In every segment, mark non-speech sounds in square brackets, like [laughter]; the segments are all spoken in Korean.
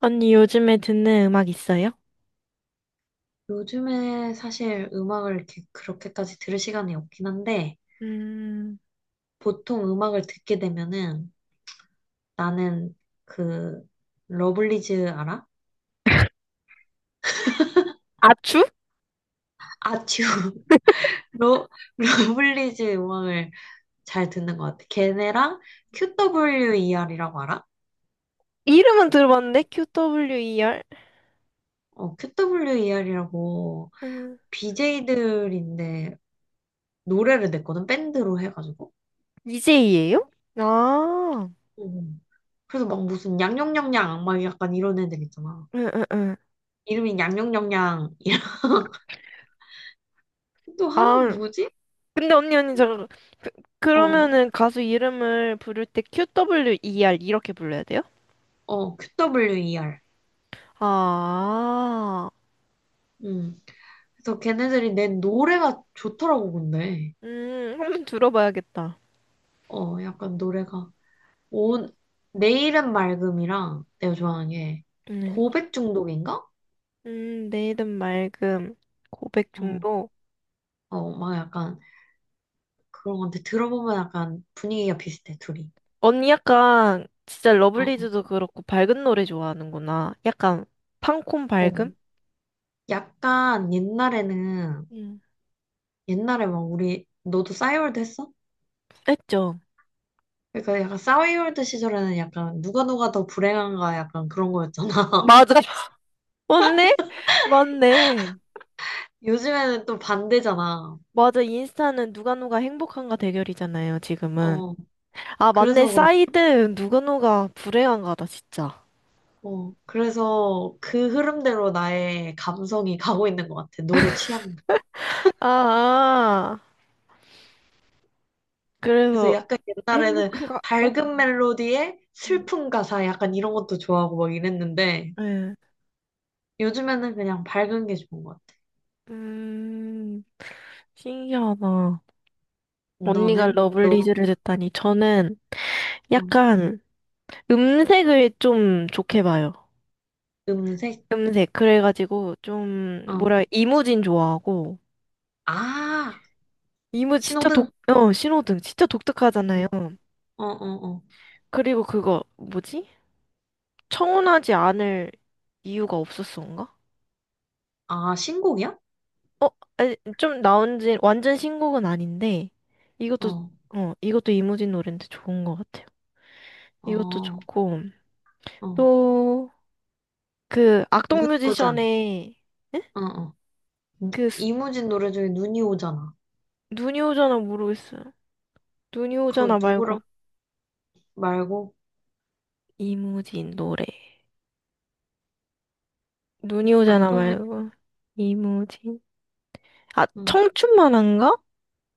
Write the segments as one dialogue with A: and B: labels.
A: 언니 요즘에 듣는 음악 있어요?
B: 요즘에 사실 음악을 이렇게 그렇게까지 들을 시간이 없긴 한데,
A: 음,
B: 보통 음악을 듣게 되면은 나는 그, 러블리즈 알아?
A: 아추?
B: 아츄. [laughs] 러, 러블리즈 음악을 잘 듣는 것 같아. 걔네랑 QWER이라고 알아?
A: 이름은 들어봤는데? QWER?
B: 어, QWER이라고
A: 음,
B: BJ들인데 노래를 냈거든, 밴드로 해가지고.
A: DJ예요? 아,
B: 음. 그래서 막 무슨 양양냥양막 약간 이런 애들 있잖아.
A: 응, 응, 응.
B: 이름이 양양냥양 또 하나
A: 아,
B: 누구지?
A: 근데 언니, 저, 그,
B: 어,
A: 그러면은 가수 이름을 부를 때 QWER 이렇게 불러야 돼요?
B: QWER.
A: 아,
B: 음. 그래서 걔네들이 낸 노래가 좋더라고, 근데.
A: 한번 들어봐야겠다.
B: 어, 약간 노래가. 온, 내일은 맑음이랑 내가 좋아하는 게
A: 네.
B: 고백 중독인가?
A: 내일은 맑음, 고백
B: 어,
A: 중독.
B: 어, 막 약간 그런 건데 들어보면 약간 분위기가 비슷해, 둘이.
A: 언니 약간 진짜
B: 어,
A: 러블리즈도 그렇고 밝은 노래 좋아하는구나. 약간 팡콘
B: 어.
A: 밝음?
B: 약간 옛날에는,
A: 응.
B: 옛날에 막 우리, 너도 싸이월드 했어?
A: 했죠.
B: 그러니까 약간 싸이월드 시절에는 약간 누가 누가 더 불행한가 약간 그런 거였잖아.
A: 맞아. [laughs] 맞네? 맞네.
B: 요즘에는 또 반대잖아.
A: 맞아. 인스타는 누가 누가 행복한가 대결이잖아요, 지금은.
B: 어,
A: 아, 맞네.
B: 그래서 그런,
A: 사이드 누가 누가 불행한가다, 진짜.
B: 어, 그래서 그 흐름대로 나의 감성이 가고 있는 것 같아. 노래 취향.
A: 아, 아.
B: 그래서
A: 그래서
B: 약간 옛날에는
A: 행복, 해가 어?
B: 밝은 멜로디에
A: 음,
B: 슬픈 가사 약간 이런 것도 좋아하고 막 이랬는데
A: 예.
B: 요즘에는 그냥 밝은 게 좋은 것 같아.
A: 음, 신기하다. 언니가
B: 너는? 너,
A: 러블리즈를 듣다니. 저는
B: 어,
A: 약간 음색을 좀 좋게 봐요.
B: 음색?
A: 음색. 그래가지고 좀
B: 어.
A: 뭐라 이무진 좋아하고
B: 아,
A: 이무 진짜
B: 신호등.
A: 신호등 진짜 독특하잖아요.
B: 어, 어, 어.
A: 그리고 그거 뭐지? 청혼하지 않을 이유가 없었어인가?
B: 아, 신곡이야?
A: 아니, 좀 나온 지 완전 신곡은 아닌데 이것도
B: 어,
A: 이것도 이무진 노래인데 좋은 것 같아요. 이것도
B: 어,
A: 좋고
B: 어.
A: 또 그 악동
B: 눈 오잖아.
A: 뮤지션의 에?
B: 어, 어.
A: 그
B: 이무진 노래 중에 눈이 오잖아.
A: 눈이 오잖아 모르겠어요. 눈이
B: 그거
A: 오잖아 말고
B: 누구라고 말고
A: 이무진 노래. 눈이 오잖아
B: 악동뮤
A: 말고. 이무진. 아,
B: 음,
A: 청춘만한가?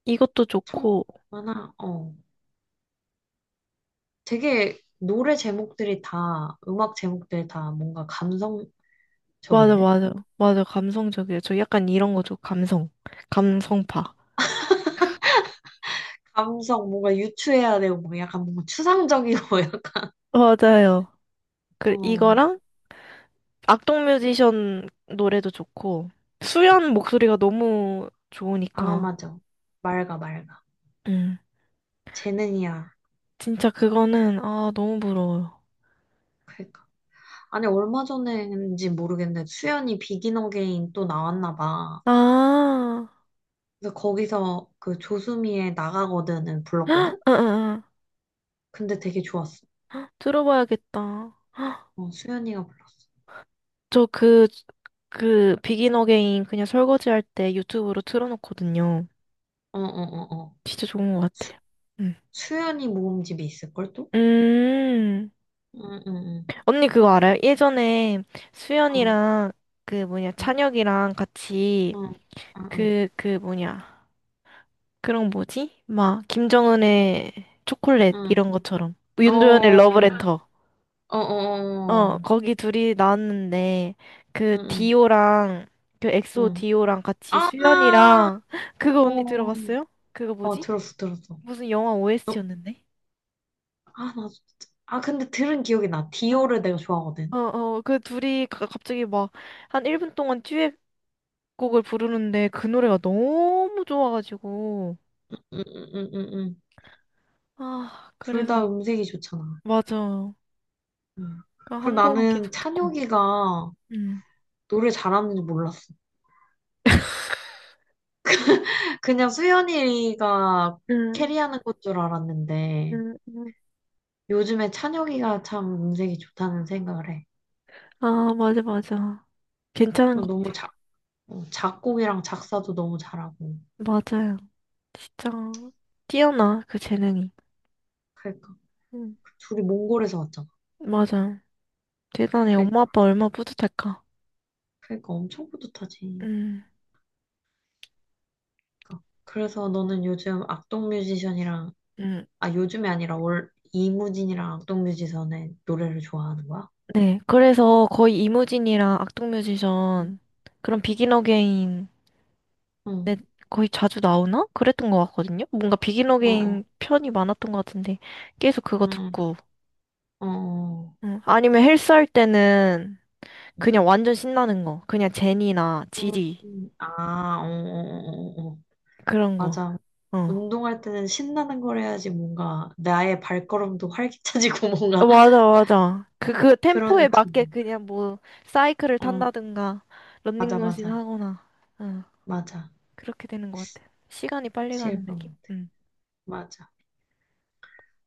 A: 이것도 좋고.
B: 청하나 어 되게 노래 제목들이 다 음악 제목들이 다 뭔가 감성적인데?
A: 맞아, 맞아. 맞아, 감성적이에요. 저 약간 이런 거 좀 감성. 감성파.
B: 감성 뭔가 유추해야 되고 뭐 약간 뭔가 추상적이고 [laughs] 약간
A: 맞아요. 그, 이거랑
B: 어
A: 악동 뮤지션 노래도 좋고. 수현 목소리가 너무
B: 아
A: 좋으니까.
B: 맞아 맑아 맑아
A: 음.
B: 재능이야
A: 진짜 그거는, 아, 너무 부러워요.
B: 그러니까 아니 얼마 전에인지 모르겠는데 수연이 비긴 어게인 또 나왔나 봐.
A: 아,
B: 근데 거기서 그 조수미의 나가거든을
A: 아,
B: 불렀거든?
A: 아, 아.
B: 근데 되게 좋았어.
A: 들어봐야겠다.
B: 어, 수연이가 불렀어.
A: 저 그, 비긴 어게인 그냥 설거지할 때 유튜브로 틀어놓거든요.
B: 어, 어, 어, 어.
A: 진짜 좋은 것
B: 수,
A: 같아요. 음.
B: 수연이 모음집이 있을걸 또?
A: 음.
B: 응, 응, 응.
A: 언니 그거 알아요? 예전에
B: 어,
A: 수연이랑 그 뭐냐,
B: 응,
A: 찬혁이랑 같이
B: 응, 응, 응.
A: 그 뭐냐. 그런 뭐지? 막, 김정은의 초콜릿
B: 응.
A: 이런 것처럼.
B: 어,
A: 윤도현의
B: 어,
A: 러브레터.
B: 어, 어.
A: 어,
B: 어.
A: 거기 둘이 나왔는데, 그,
B: 응, 응,
A: 디오랑, 그 엑소
B: 응.
A: 디오랑 같이
B: 아,
A: 수연이랑, [laughs] 그거 언니
B: 어,
A: 들어봤어요? 그거 뭐지?
B: 들었어, 들었어.
A: 무슨 영화
B: 너,
A: OST였는데?
B: 아, 나 진짜. 아, 근데 들은 기억이 나.
A: 어,
B: 디오를 내가 좋아하거든.
A: 어, 어, 그 둘이 갑자기 막, 한 1분 동안 듀엣곡을 부르는데, 그 노래가 너무 좋아가지고.
B: 응, 응, 응, 응. 응.
A: 아,
B: 둘
A: 그래서,
B: 다 음색이 좋잖아.
A: 맞아.
B: 응.
A: 그
B: 그리고
A: 한동안
B: 나는
A: 계속 듣고.
B: 찬혁이가
A: 응
B: 노래 잘하는지 몰랐어. 그냥 수연이가
A: 응
B: 캐리하는 것 줄
A: 응
B: 알았는데
A: 응
B: 요즘에 찬혁이가 참 음색이 좋다는 생각을 해.
A: 아, 맞아, 맞아. 괜찮은 것
B: 너무
A: 같아요.
B: 작, 어, 작곡이랑 작사도 너무 잘하고.
A: 맞아요. 진짜 뛰어나 그 재능이.
B: 그러니까
A: 응,
B: 그 둘이 몽골에서 왔잖아.
A: 맞아. 대단해. 엄마
B: 그러니까
A: 아빠 얼마나 뿌듯할까.
B: 그러니까 엄청 뿌듯하지.
A: 음,
B: 그러니까 그래서 너는 요즘 악동 뮤지션이랑
A: 음,
B: 아 요즘이 아니라 올 이무진이랑 악동 뮤지션의 노래를 좋아하는 거야?
A: 네. 그래서 거의 이무진이랑
B: 응,
A: 악동뮤지션 그런 비긴 어게인
B: 응,
A: 거의 자주 나오나? 그랬던 것 같거든요. 뭔가 비긴
B: 어, 어,
A: 어게인 편이 많았던 것 같은데 계속 그거
B: 응,
A: 듣고.
B: 어, 어.
A: 아니면 헬스 할 때는 그냥 완전 신나는 거. 그냥 제니나 지디
B: 아, 어, 어, 어, 어. 어.
A: 그런 거.
B: 맞아.
A: 어.
B: 운동할 때는 신나는 걸 해야지 뭔가 나의 발걸음도 활기차지고 [laughs]
A: 어,
B: 뭔가
A: 맞아, 맞아. 그 템포에
B: 그런
A: 맞게
B: 기분.
A: 그냥 뭐, 사이클을
B: 어,
A: 탄다든가,
B: 맞아,
A: 런닝머신
B: 맞아.
A: 하거나, 어,
B: 맞아.
A: 그렇게 되는 것 같아. 시간이 빨리
B: 확실히
A: 가는
B: 그런
A: 느낌?
B: 것 같아.
A: 응.
B: 맞아.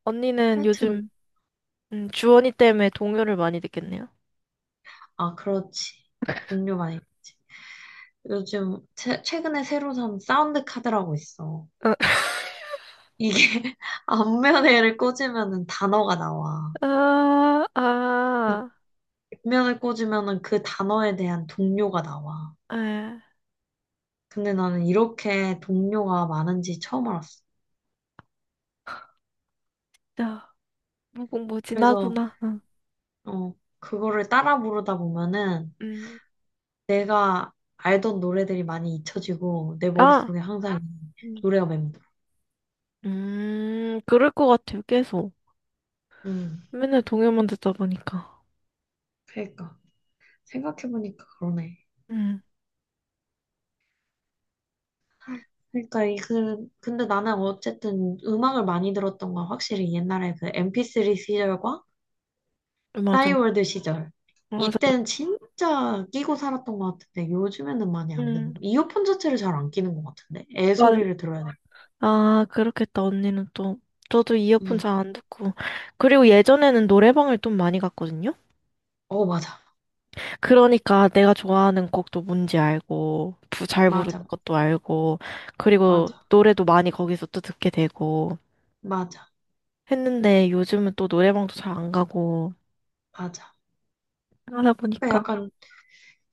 A: 언니는
B: 하여튼,
A: 요즘, 주원이 때문에 동요를 많이 듣겠네요?
B: 아, 그렇지. 동료 많이 있지. 요즘 최근에 새로 산 사운드 카드라고 있어.
A: [laughs]
B: 이게 [laughs] 앞면에를 꽂으면은 단어가 나와.
A: 아, 아,
B: 뒷면을 꽂으면은 그 단어에 대한 동료가 나와.
A: 아,
B: 근데 나는 이렇게 동료가 많은지 처음 알았어.
A: 자
B: 그래서
A: 무궁무진하구나. 응.
B: 어, 그거를 따라 부르다 보면은
A: 음,
B: 내가 알던 노래들이 많이 잊혀지고 내
A: 아,
B: 머릿속에 항상
A: 음,
B: 노래가 맴돌.
A: 그럴 것 같아요, 계속.
B: 음,
A: 맨날 동요만 듣다 보니까.
B: 그러니까. 생각해보니까 그러네.
A: 음,
B: 그러니까 이 그, 근데 나는 어쨌든 음악을 많이 들었던 건 확실히 옛날에 그 MP3 시절과
A: 맞아,
B: 싸이월드 시절.
A: 맞아.
B: 이때는 진짜 끼고 살았던 것 같은데 요즘에는 많이 안
A: 음,
B: 듣는 거. 이어폰 자체를 잘 안 끼는 것 같은데 애 소리를 들어야 돼.
A: 아, 그렇겠다, 언니는 또. 저도 이어폰
B: 음.
A: 잘 안 듣고. 그리고 예전에는 노래방을 좀 많이 갔거든요?
B: 어 맞아
A: 그러니까 내가 좋아하는 곡도 뭔지 알고, 잘 부르는
B: 맞아
A: 것도 알고,
B: 맞아
A: 그리고 노래도 많이 거기서 또 듣게 되고
B: 맞아
A: 했는데 요즘은 또 노래방도 잘 안 가고
B: 맞아.
A: 하다
B: 그러니까
A: 보니까.
B: 약간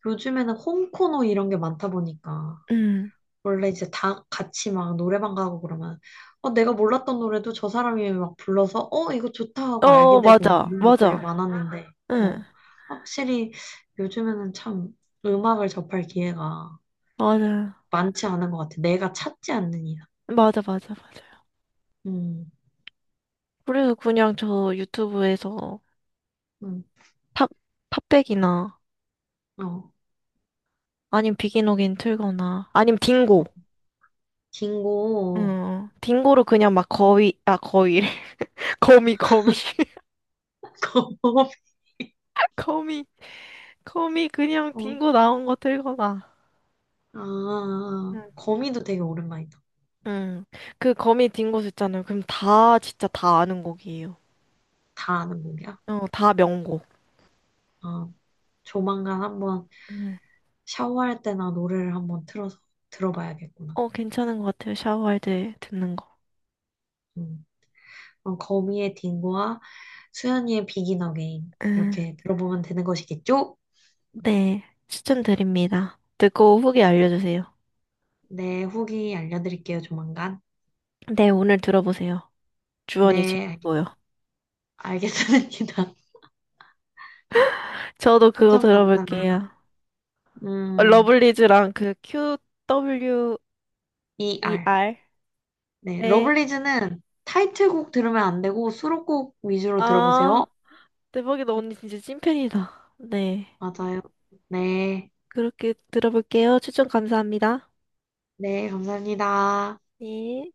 B: 요즘에는 홈코노 이런 게 많다 보니까
A: 음.
B: 원래 이제 다 같이 막 노래방 가고 그러면 어 내가 몰랐던 노래도 저 사람이 막 불러서 어 이거 좋다 하고
A: 어,
B: 알게 되고 막
A: 맞아.
B: 이런 것들이
A: 맞아.
B: 많았는데 어
A: 응.
B: 확실히 요즘에는 참 음악을 접할 기회가
A: 맞아요.
B: 많지 않은 것 같아. 내가 찾지 않는 이상.
A: 맞아, 맞아, 맞아요.
B: 음,
A: 그래서 그냥 저 유튜브에서
B: 음,
A: 팝, 팝백이나
B: 어,
A: 아님 비기노긴 틀거나. 아님 딩고.
B: 긴고
A: 응. 딩고로 그냥 막 거위, 아, 거위래. [laughs] 거미, 거미. [laughs]
B: [laughs]
A: 거미, 거미 그냥
B: 거미.
A: 딩고 나온 거 틀거나.
B: 어, 아,
A: 응.
B: 거미도 되게 오랜만이다.
A: 응. 그 거미 딩고 있잖아요. 그럼 다, 진짜 다 아는 곡이에요.
B: 다 아는 곡이야.
A: 어, 다 명곡.
B: 어, 조만간 한번 샤워할 때나 노래를 한번 틀어서 들어봐야겠구나.
A: 어, 괜찮은 것 같아요. 샤워할 때 듣는 거.
B: 음. 그럼 거미의 딩고와 수현이의 비긴 어게인
A: 음,
B: 이렇게 들어보면 되는 것이겠죠?
A: 네. 추천드립니다. 듣고 후기 알려주세요.
B: 네, 후기 알려드릴게요, 조만간.
A: 네, 오늘 들어보세요. 주원이
B: 네,
A: 최고고요.
B: 알겠습니다. [laughs]
A: 저도 그거
B: 추천 감사합니다.
A: 들어볼게요.
B: 음,
A: 러블리즈랑 그 QWER.
B: ER. 네,
A: 네.
B: 러블리즈는 타이틀곡 들으면 안 되고 수록곡 위주로
A: 아,
B: 들어보세요.
A: 대박이다. 언니 진짜 찐팬이다. 네.
B: 맞아요. 네,
A: 그렇게 들어볼게요. 추천 감사합니다.
B: 네, 감사합니다.
A: 네.